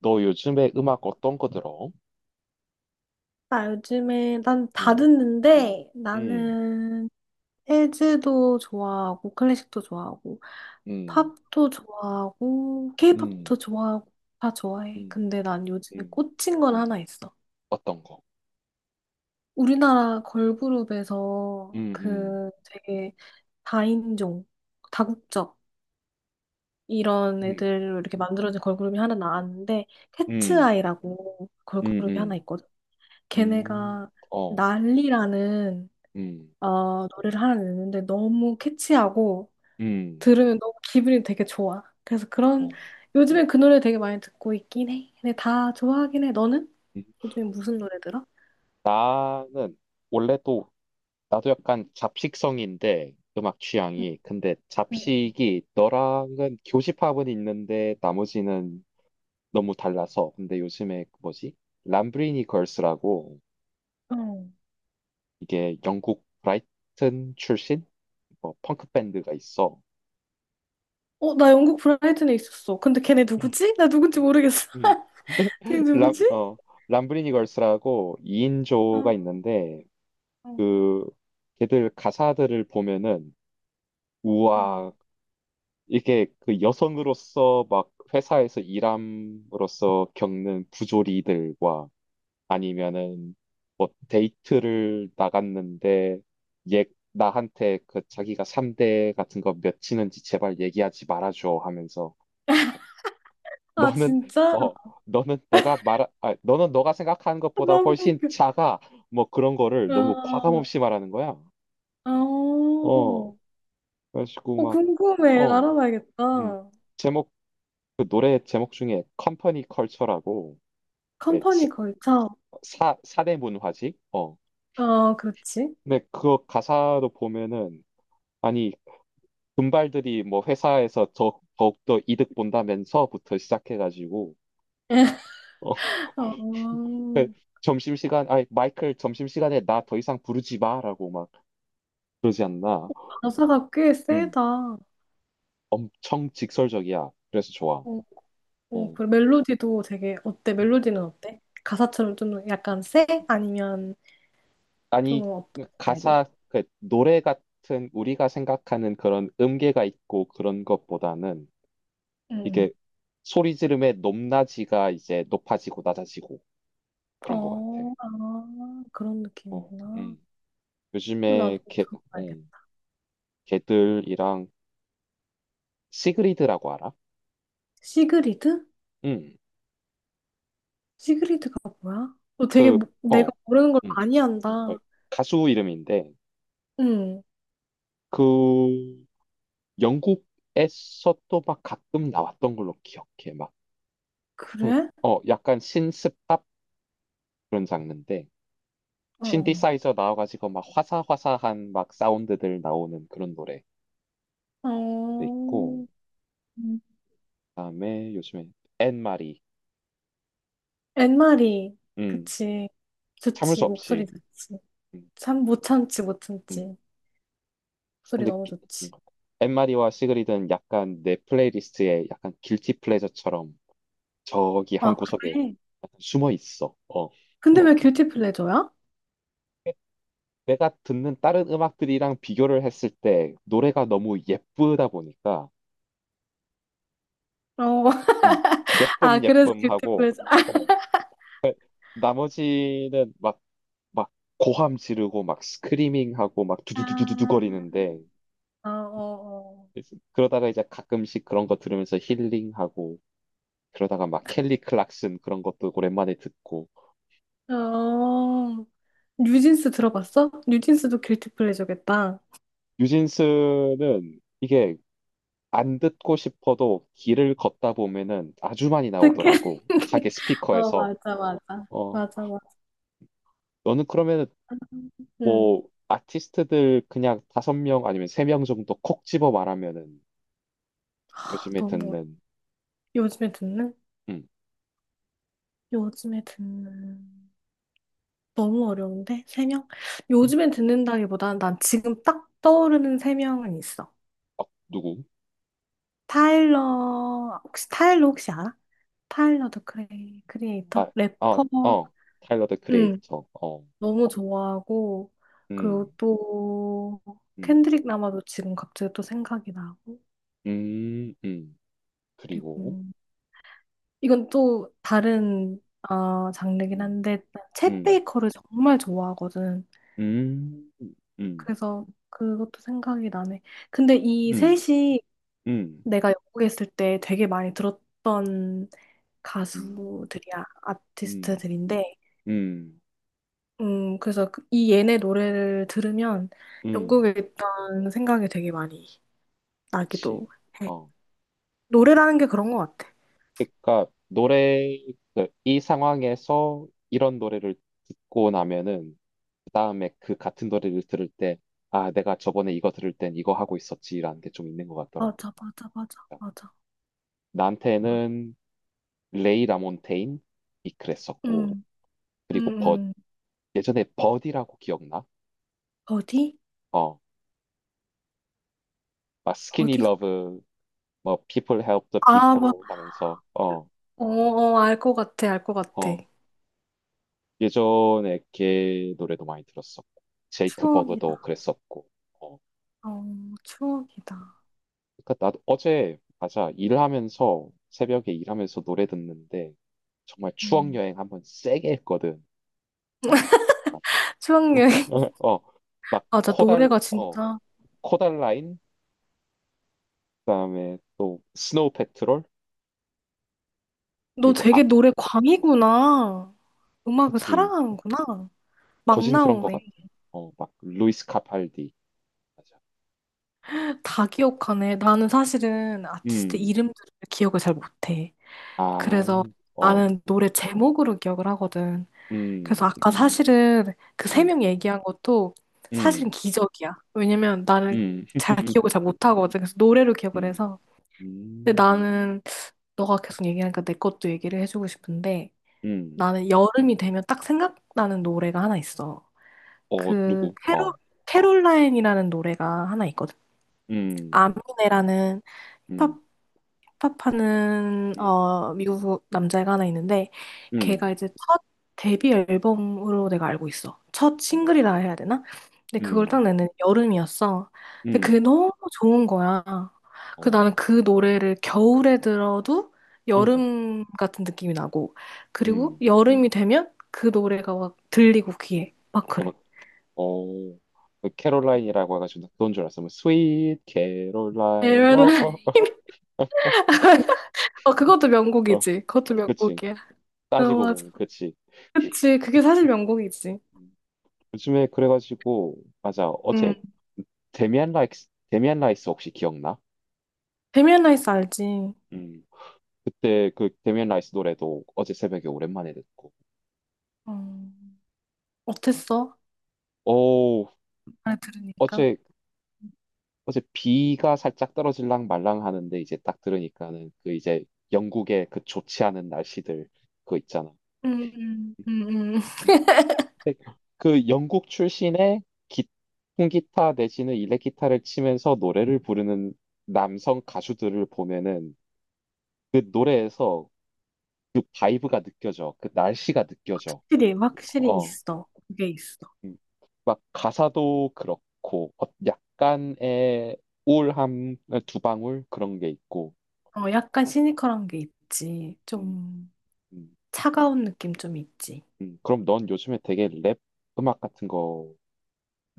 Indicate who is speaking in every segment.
Speaker 1: 너 요즘에 음악 어떤 거 들어?
Speaker 2: 나 요즘에 난 다
Speaker 1: 음.
Speaker 2: 듣는데
Speaker 1: 음.
Speaker 2: 나는 재즈도 좋아하고 클래식도 좋아하고
Speaker 1: 음.
Speaker 2: 팝도 좋아하고
Speaker 1: 음.
Speaker 2: 케이팝도 좋아하고 다 좋아해.
Speaker 1: 음.
Speaker 2: 근데 난 요즘에
Speaker 1: 음.
Speaker 2: 꽂힌 건 하나 있어.
Speaker 1: 어떤 거?
Speaker 2: 우리나라 걸그룹에서
Speaker 1: 음. 음.
Speaker 2: 그 되게 다인종, 다국적 이런
Speaker 1: 음.
Speaker 2: 애들로 이렇게 만들어진 걸그룹이 하나
Speaker 1: 음.
Speaker 2: 나왔는데
Speaker 1: 음.
Speaker 2: 캐츠아이라고
Speaker 1: 음.
Speaker 2: 걸그룹이 하나
Speaker 1: 음.
Speaker 2: 있거든.
Speaker 1: 음.
Speaker 2: 걔네가
Speaker 1: 어.
Speaker 2: 난리라는
Speaker 1: 음.
Speaker 2: 노래를 하나 냈는데 너무 캐치하고
Speaker 1: 음.
Speaker 2: 들으면 너무 기분이 되게 좋아. 그래서 그런
Speaker 1: 어.
Speaker 2: 요즘엔 그 노래 되게 많이 듣고 있긴 해. 근데 다 좋아하긴 해. 너는?
Speaker 1: 음.
Speaker 2: 요즘에 무슨 노래 들어?
Speaker 1: 나는 원래 또 나도 약간 잡식성인데 음악
Speaker 2: 응,
Speaker 1: 취향이, 근데
Speaker 2: 응,
Speaker 1: 잡식이 너랑은 교집합은 있는데 나머지는 너무 달라서. 근데 요즘에 그 뭐지? 람브리니 걸스라고,
Speaker 2: 응.
Speaker 1: 이게 영국 브라이튼 출신 뭐 펑크 밴드가 있어.
Speaker 2: 어, 나 영국 브라이튼에 있었어. 근데 걔네
Speaker 1: 음.
Speaker 2: 누구지? 나 누군지 모르겠어.
Speaker 1: 음. 근데
Speaker 2: 걔네
Speaker 1: 람,
Speaker 2: 누구지?
Speaker 1: 어, 람브리니 걸스라고 2인조가
Speaker 2: 어,
Speaker 1: 있는데,
Speaker 2: 어,
Speaker 1: 그 걔들 가사들을 보면은,
Speaker 2: 어.
Speaker 1: 우와, 이게 그 여성으로서 막 회사에서 일함으로써 겪는 부조리들과, 아니면은 뭐 데이트를 나갔는데, 얘 나한테 그 자기가 삼대 같은 거 몇 치는지 제발 얘기하지 말아줘 하면서
Speaker 2: 아,
Speaker 1: 너는,
Speaker 2: 진짜?
Speaker 1: 어, 너는 너는 너가 생각하는 것보다
Speaker 2: 너무
Speaker 1: 훨씬
Speaker 2: 웃겨.
Speaker 1: 작아, 뭐 그런 거를 너무 과감
Speaker 2: 아,
Speaker 1: 없이 말하는 거야.
Speaker 2: 어,
Speaker 1: 어, 그래가지고
Speaker 2: 어,
Speaker 1: 막,
Speaker 2: 궁금해.
Speaker 1: 어, 음.
Speaker 2: 알아봐야겠다.
Speaker 1: 제목, 그 노래 제목 중에 컴퍼니 컬처라고, 예,
Speaker 2: 컴퍼니 걸쳐.
Speaker 1: 사 사대 문화지, 어.
Speaker 2: 어, 그렇지.
Speaker 1: 근데 그 가사로 보면은, 아니, 분발들이 뭐 회사에서 더욱더 이득 본다면서부터 시작해가지고, 어,
Speaker 2: 아,
Speaker 1: 점심시간, 아니, 마이클 점심시간에 나 더 이상 부르지 마, 라고 막 그러지 않나.
Speaker 2: 가사가 꽤
Speaker 1: 음.
Speaker 2: 세다. 어,
Speaker 1: 엄청 직설적이야. 그래서 좋아.
Speaker 2: 어,
Speaker 1: 어.
Speaker 2: 그 멜로디도 되게 어때?
Speaker 1: 음.
Speaker 2: 멜로디는 어때? 가사처럼 좀 약간 세? 아니면 좀
Speaker 1: 아니,
Speaker 2: 어떤 스타일이야?
Speaker 1: 가사, 그 노래 같은 우리가 생각하는 그런 음계가 있고 그런 것보다는,
Speaker 2: 응.
Speaker 1: 이게 소리 지름의 높낮이가 이제 높아지고 낮아지고,
Speaker 2: 응.
Speaker 1: 그런 것 같아.
Speaker 2: 어, 아, 그런
Speaker 1: 어.
Speaker 2: 느낌이구나.
Speaker 1: 음.
Speaker 2: 나도
Speaker 1: 요즘에 게, 어.
Speaker 2: 들어봐야겠다.
Speaker 1: 걔들이랑 시그리드라고 알아?
Speaker 2: 시그리드?
Speaker 1: 응.
Speaker 2: 시그리드가 뭐야? 너 되게
Speaker 1: 어.
Speaker 2: 내가 모르는 걸
Speaker 1: 응.
Speaker 2: 많이
Speaker 1: 어,
Speaker 2: 한다.
Speaker 1: 가수 이름인데,
Speaker 2: 응.
Speaker 1: 그 영국에서 또 막 가끔 나왔던 걸로 기억해. 막, 그,
Speaker 2: 그래?
Speaker 1: 약간 신스팝 그런 장르인데,
Speaker 2: 어.
Speaker 1: 신디사이저 나와가지고 막 화사화사한 막 사운드들 나오는 그런 노래도
Speaker 2: 어.
Speaker 1: 있고,
Speaker 2: 어. 음.
Speaker 1: 그다음에 요즘에 앤마리,
Speaker 2: 엔마리.
Speaker 1: 음,
Speaker 2: 그치.
Speaker 1: 참을 수
Speaker 2: 좋지. 목소리
Speaker 1: 없이,
Speaker 2: 좋지.
Speaker 1: 음,
Speaker 2: 참 못 참지 못
Speaker 1: 음,
Speaker 2: 참지. 목소리 너무
Speaker 1: 느끼는
Speaker 2: 좋지.
Speaker 1: 것 같아요. 엠마리와 시그리드는 약간 내 플레이리스트에 약간 길티 플레저처럼 저기 한
Speaker 2: 아
Speaker 1: 구석에
Speaker 2: 그래?
Speaker 1: 약간 숨어 있어. 어.
Speaker 2: 근데 왜 길티 플레저야?
Speaker 1: 내가 듣는 다른 음악들이랑 비교를 했을 때 노래가 너무 예쁘다 보니까,
Speaker 2: 어.
Speaker 1: 음,
Speaker 2: 아
Speaker 1: 예쁨
Speaker 2: 그래서
Speaker 1: 예쁨
Speaker 2: 길티
Speaker 1: 하고,
Speaker 2: 플레저.
Speaker 1: 어, 나머지는 막 막 고함 지르고 막 스크리밍 하고 막 두두두두두
Speaker 2: 아.
Speaker 1: 거리는데,
Speaker 2: 어, 어,
Speaker 1: 그러다가 이제 가끔씩 그런 거 들으면서 힐링하고, 그러다가 막 켈리 클락슨 그런 것도 오랜만에 듣고.
Speaker 2: 어. 어. 뉴진스 들어봤어? 뉴진스도 길티 플레저겠다.
Speaker 1: 뉴진스는 이게 안 듣고 싶어도 길을 걷다 보면은 아주 많이
Speaker 2: 어떻게?
Speaker 1: 나오더라고, 가게
Speaker 2: 어
Speaker 1: 스피커에서.
Speaker 2: 맞아 맞아
Speaker 1: 어.
Speaker 2: 맞아 맞아.
Speaker 1: 너는 그러면은
Speaker 2: 응.
Speaker 1: 뭐 아티스트들 그냥 다섯 명 아니면 세 명 정도 콕 집어 말하면은,
Speaker 2: 아,
Speaker 1: 요즘에
Speaker 2: 너무 어려.
Speaker 1: 듣는.
Speaker 2: 요즘에 듣는?
Speaker 1: 음.
Speaker 2: 요즘에 듣는. 너무 어려운데? 세 명?
Speaker 1: 음.
Speaker 2: 요즘에 듣는다기보다는 난 지금 딱 떠오르는 세 명은 있어.
Speaker 1: 어, 누구?
Speaker 2: 타일러, 혹시 타일러 혹시 알아? 타일러 더
Speaker 1: 아,
Speaker 2: 크리에이터?
Speaker 1: 어,
Speaker 2: 래퍼
Speaker 1: 어, 타일러 더
Speaker 2: 응,
Speaker 1: 크리에이터. 어.
Speaker 2: 너무 좋아하고,
Speaker 1: 음.
Speaker 2: 그리고 또,
Speaker 1: 음.
Speaker 2: 켄드릭 라마도 지금 갑자기 또 생각이 나고,
Speaker 1: 음. 음. 그리고.
Speaker 2: 그리고, 이건 또 다른, 아, 장르긴
Speaker 1: 음.
Speaker 2: 한데, 챗
Speaker 1: 음.
Speaker 2: 베이커를 정말 좋아하거든.
Speaker 1: 음. 음.
Speaker 2: 그래서 그것도 생각이 나네. 근데 이
Speaker 1: 음.
Speaker 2: 셋이
Speaker 1: 음.
Speaker 2: 내가 영국에 있을 때 되게 많이 들었던
Speaker 1: 음.
Speaker 2: 가수들이야,
Speaker 1: 음.
Speaker 2: 아티스트들인데,
Speaker 1: 음.
Speaker 2: 그래서 이 얘네 노래를 들으면
Speaker 1: 음.
Speaker 2: 영국에 있던 생각이 되게 많이
Speaker 1: 그치.
Speaker 2: 나기도 해.
Speaker 1: 어.
Speaker 2: 노래라는 게 그런 것 같아.
Speaker 1: 그러니까 노래, 그이 상황에서 이런 노래를 듣고 나면은 그 다음에 그 같은 노래를 들을 때, 아, 내가 저번에 이거 들을 땐 이거 하고 있었지라는 게 좀 있는 것 같더라고.
Speaker 2: 맞아, 맞아, 맞아,
Speaker 1: 그러니까
Speaker 2: 맞아. 맞아.
Speaker 1: 나한테는 레이 라몬테인이 그랬었고,
Speaker 2: 음, 음,
Speaker 1: 그리고 버,
Speaker 2: 음.
Speaker 1: 예전에 버디라고 기억나?
Speaker 2: 어디?
Speaker 1: 어, 막 스키니
Speaker 2: 어디가?
Speaker 1: 러브, 뭐 People Help the
Speaker 2: 아, 뭐,
Speaker 1: People 하면서, 어,
Speaker 2: 어, 어, 알 것 같아, 알 것 같아.
Speaker 1: 어, 예전에 걔 노래도 많이 들었었고 제이크
Speaker 2: 추억이다.
Speaker 1: 버그도 그랬었고. 어,
Speaker 2: 어, 추억이다.
Speaker 1: 그러니까 나도 어제, 맞아, 일하면서 새벽에 일하면서 노래 듣는데 정말 추억
Speaker 2: 음.
Speaker 1: 여행 한번 세게 했거든. 막
Speaker 2: 추억 여행.
Speaker 1: 어, 막
Speaker 2: 맞아, 노래가 진짜.
Speaker 1: 코달라인, 그다음에 또 스노우 패트롤,
Speaker 2: 너
Speaker 1: 그리고 아
Speaker 2: 되게 노래 광이구나. 음악을
Speaker 1: 그치
Speaker 2: 사랑하는구나. 막
Speaker 1: 거진 그런 것
Speaker 2: 나오네.
Speaker 1: 같아. 어, 막 루이스 카팔디. 맞아.
Speaker 2: 다
Speaker 1: 어.
Speaker 2: 기억하네. 나는 사실은 아티스트
Speaker 1: 음.
Speaker 2: 이름들을 기억을 잘 못해.
Speaker 1: 아.
Speaker 2: 그래서
Speaker 1: 어.
Speaker 2: 나는 노래 제목으로 기억을 하거든. 그래서
Speaker 1: 음.
Speaker 2: 아까 사실은 그 세
Speaker 1: 음.
Speaker 2: 명 얘기한 것도 사실은
Speaker 1: 음.
Speaker 2: 기적이야. 왜냐면 나는
Speaker 1: 음.
Speaker 2: 잘 기억을 잘 못하거든. 그래서 노래로 기억을
Speaker 1: 음.
Speaker 2: 해서. 근데
Speaker 1: 음.
Speaker 2: 나는 너가 계속 얘기하니까 내 것도 얘기를 해주고 싶은데
Speaker 1: 음.
Speaker 2: 나는 여름이 되면 딱 생각나는 노래가 하나 있어.
Speaker 1: 어,
Speaker 2: 그
Speaker 1: 누구? 어.
Speaker 2: 캐롤라인이라는 노래가 하나 있거든.
Speaker 1: 음.
Speaker 2: 아미네라는 힙합
Speaker 1: 음.
Speaker 2: 힙합하는
Speaker 1: 음.
Speaker 2: 미국 남자애가 하나 있는데 걔가
Speaker 1: 음.
Speaker 2: 이제 첫 데뷔 앨범으로 내가 알고 있어. 첫 싱글이라 해야 되나? 근데 그걸 딱
Speaker 1: 음.
Speaker 2: 냈는데 여름이었어. 근데 그게
Speaker 1: 음.
Speaker 2: 너무 좋은 거야. 그
Speaker 1: 어.
Speaker 2: 나는 그 노래를 겨울에 들어도
Speaker 1: 음.
Speaker 2: 여름 같은 느낌이 나고 그리고
Speaker 1: 음.
Speaker 2: 여름이 되면 그 노래가 막 들리고 귀에 막
Speaker 1: 나
Speaker 2: 그래.
Speaker 1: 막, 어, 그 캐롤라인이라고 해가지고 나 그건 줄 알았어. 뭐, 스윗 캐롤라인, 어, 어,
Speaker 2: 어 그것도
Speaker 1: 어, 어.
Speaker 2: 명곡이지. 그것도
Speaker 1: 그치.
Speaker 2: 명곡이야. 어
Speaker 1: 따지고
Speaker 2: 맞아.
Speaker 1: 보면, 그치.
Speaker 2: 그치, 그게 사실 명곡이지.
Speaker 1: 음. 요즘에 그래가지고, 맞아, 어제
Speaker 2: 음.
Speaker 1: 데미안 라이스, 데미안 라이스 혹시 기억나?
Speaker 2: 데미안 라이스 알지?
Speaker 1: 음. 그때 그 데미안 라이스 노래도 어제 새벽에 오랜만에 듣고.
Speaker 2: 어, 어땠어?
Speaker 1: 오,
Speaker 2: 잘 들으니까.
Speaker 1: 어제, 어제 비가 살짝 떨어질랑 말랑 하는데 이제 딱 들으니까는, 그 이제 영국의 그 좋지 않은 날씨들 그거 있잖아.
Speaker 2: 음, 음, 음, 응.
Speaker 1: 음. 그 영국 출신의 기, 통기타 내지는 일렉기타를 치면서 노래를 부르는 남성 가수들을 보면은, 그 노래에서 그 바이브가 느껴져. 그 날씨가 느껴져.
Speaker 2: 확실히, 확실히
Speaker 1: 어.
Speaker 2: 있어. 그게 있어.
Speaker 1: 음. 막 가사도 그렇고, 어, 약간의 우울함, 두 방울, 그런 게 있고.
Speaker 2: 어, 약간 시니컬한 게 있지.
Speaker 1: 음.
Speaker 2: 좀
Speaker 1: 음.
Speaker 2: 차가운 느낌 좀 있지.
Speaker 1: 음. 그럼 넌 요즘에 되게 랩 음악 같은 거,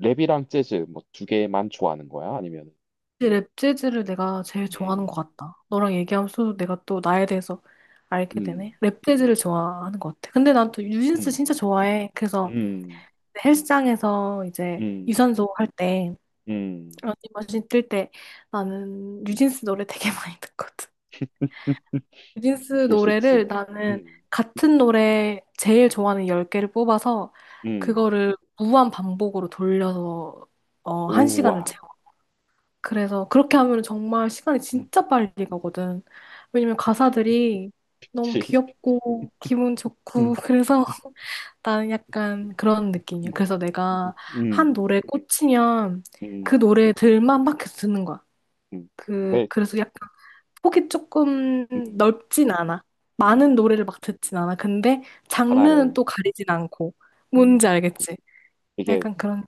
Speaker 1: 랩이랑 재즈 뭐 두 개만 좋아하는 거야? 아니면
Speaker 2: 랩 재즈를 내가 제일 좋아하는
Speaker 1: 음,
Speaker 2: 것 같다. 너랑 얘기하면서 내가 또 나에 대해서 알게 되네.
Speaker 1: 음,
Speaker 2: 랩 재즈를 좋아하는 것 같아. 근데 난 또 뉴진스
Speaker 1: 음,
Speaker 2: 진짜 좋아해. 그래서
Speaker 1: 음,
Speaker 2: 헬스장에서 이제
Speaker 1: 음,
Speaker 2: 유산소 할때
Speaker 1: 음,
Speaker 2: 러닝머신 뜰 때 나는
Speaker 1: 음.
Speaker 2: 뉴진스 노래 되게 많이 듣거든. 뉴진스
Speaker 1: 그럴 수
Speaker 2: 노래를
Speaker 1: 있지.
Speaker 2: 나는
Speaker 1: 음,
Speaker 2: 같은 노래 제일
Speaker 1: 음,
Speaker 2: 좋아하는 10개를 뽑아서
Speaker 1: 음.
Speaker 2: 그거를 무한 반복으로 돌려서 한 시간을
Speaker 1: 우와.
Speaker 2: 채워. 그래서 그렇게 하면 정말 시간이
Speaker 1: 음.
Speaker 2: 진짜 빨리 가거든. 왜냐면 가사들이 너무
Speaker 1: 치.
Speaker 2: 귀엽고 기분 좋고
Speaker 1: 음.
Speaker 2: 그래서 나는 약간 그런 느낌이야.
Speaker 1: 음.
Speaker 2: 그래서 내가
Speaker 1: 음.
Speaker 2: 한 노래에 꽂히면
Speaker 1: 음.
Speaker 2: 그 노래들만 막 계속 듣는 거야.
Speaker 1: 음.
Speaker 2: 그,
Speaker 1: 그,
Speaker 2: 그래서 약간 폭이 조금
Speaker 1: 음,
Speaker 2: 넓진 않아. 많은
Speaker 1: 음,
Speaker 2: 노래를 막 듣진 않아. 근데 장르는
Speaker 1: 하나를,
Speaker 2: 또 가리진 않고.
Speaker 1: 음,
Speaker 2: 뭔지 알겠지?
Speaker 1: 이게
Speaker 2: 약간 그런.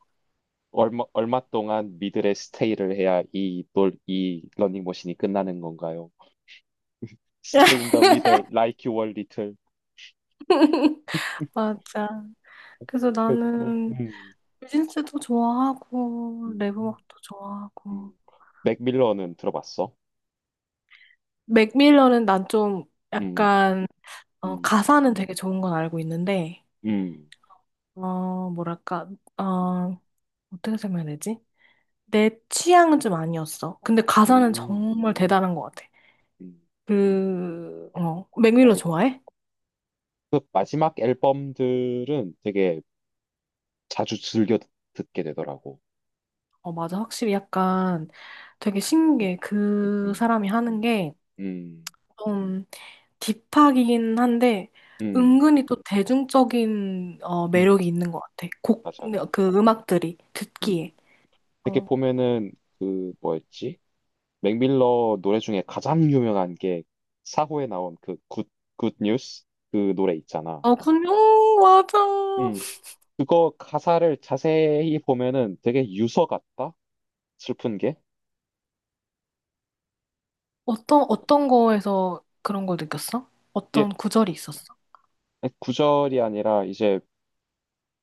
Speaker 1: 얼마, 얼마 동안 미들에 스테이를 해야 이, 놀, 이 러닝머신이 끝나는 건가요? Stay in the middle, like you were little.
Speaker 2: 맞아. 그래서
Speaker 1: 그, 뭐,
Speaker 2: 나는 뉴진스도 좋아하고,
Speaker 1: 음,
Speaker 2: 랩 음악도 좋아하고.
Speaker 1: 음. 맥밀런은 들어봤어?
Speaker 2: 맥밀런은 난 좀
Speaker 1: 음.
Speaker 2: 약간, 어,
Speaker 1: 음.
Speaker 2: 가사는 되게 좋은 건 알고 있는데,
Speaker 1: 음.
Speaker 2: 어, 뭐랄까, 어, 어떻게 설명해야 되지? 내 취향은 좀 아니었어. 근데 가사는
Speaker 1: 음.
Speaker 2: 정말 대단한 것 같아.
Speaker 1: 음.
Speaker 2: 그, 어, 맥밀러
Speaker 1: 맞아.
Speaker 2: 좋아해?
Speaker 1: 그 마지막 앨범들은 되게 자주 듣게 되더라고.
Speaker 2: 어, 맞아. 확실히 약간 되게
Speaker 1: 네.
Speaker 2: 신기해. 그
Speaker 1: 음.
Speaker 2: 사람이 하는 게
Speaker 1: 음.
Speaker 2: 좀 딥하긴 한데
Speaker 1: 음.
Speaker 2: 은근히 또 대중적인 어,
Speaker 1: 음.
Speaker 2: 매력이 있는 것 같아.
Speaker 1: 맞아.
Speaker 2: 그 음악들이
Speaker 1: 음.
Speaker 2: 듣기에.
Speaker 1: 이렇게
Speaker 2: 어,
Speaker 1: 보면은 그 뭐였지? 맥밀러 노래 중에 가장 유명한 게 사호에 나온 그 굿, 굿 뉴스 그 노래 있잖아.
Speaker 2: 어, 군요, 맞아.
Speaker 1: 음. 그거 가사를 자세히 보면은 되게 유서 같다? 슬픈 게?
Speaker 2: 어떤, 어떤 거에서 그런 걸 느꼈어?
Speaker 1: 이게
Speaker 2: 어떤 구절이 있었어?
Speaker 1: 구절이 아니라 이제,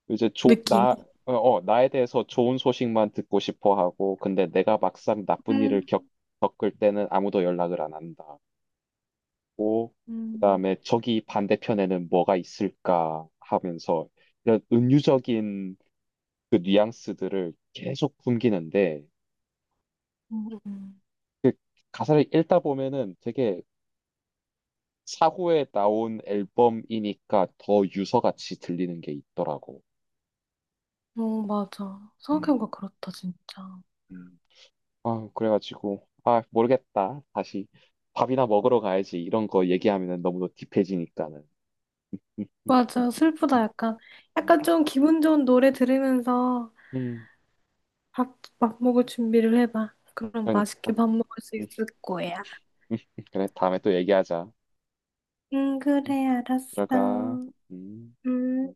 Speaker 1: 이제 조,
Speaker 2: 느낌이?
Speaker 1: 나, 어, 어, 나에 대해서 좋은 소식만 듣고 싶어 하고, 근데 내가 막상 나쁜 일을
Speaker 2: 음,
Speaker 1: 겪, 겪을 때는 아무도 연락을 안 한다고,
Speaker 2: 음,
Speaker 1: 그다음에 저기 반대편에는 뭐가 있을까 하면서 이런 은유적인 그 뉘앙스들을 계속 풍기는데,
Speaker 2: 음, 음.
Speaker 1: 가사를 읽다 보면은 되게 사후에 나온 앨범이니까 더 유서같이 들리는 게 있더라고.
Speaker 2: 어, 맞아.
Speaker 1: 음.
Speaker 2: 생각해보니까 그렇다, 진짜.
Speaker 1: 음. 아, 그래가지고 아 모르겠다. 다시 밥이나 먹으러 가야지. 이런 거 얘기하면은 너무 딥해지니까는.
Speaker 2: 맞아. 슬프다,
Speaker 1: 음.
Speaker 2: 약간.
Speaker 1: 음.
Speaker 2: 약간 좀 기분 좋은 노래 들으면서
Speaker 1: 음.
Speaker 2: 밥 먹을 준비를 해봐. 그럼 맛있게
Speaker 1: 그러니까.
Speaker 2: 밥 먹을 수
Speaker 1: 음.
Speaker 2: 있을 거야.
Speaker 1: 음. 음. 그래, 다음에 또 얘기하자.
Speaker 2: 응,
Speaker 1: 음.
Speaker 2: 그래, 알았어.
Speaker 1: 들어가. 음.
Speaker 2: 음.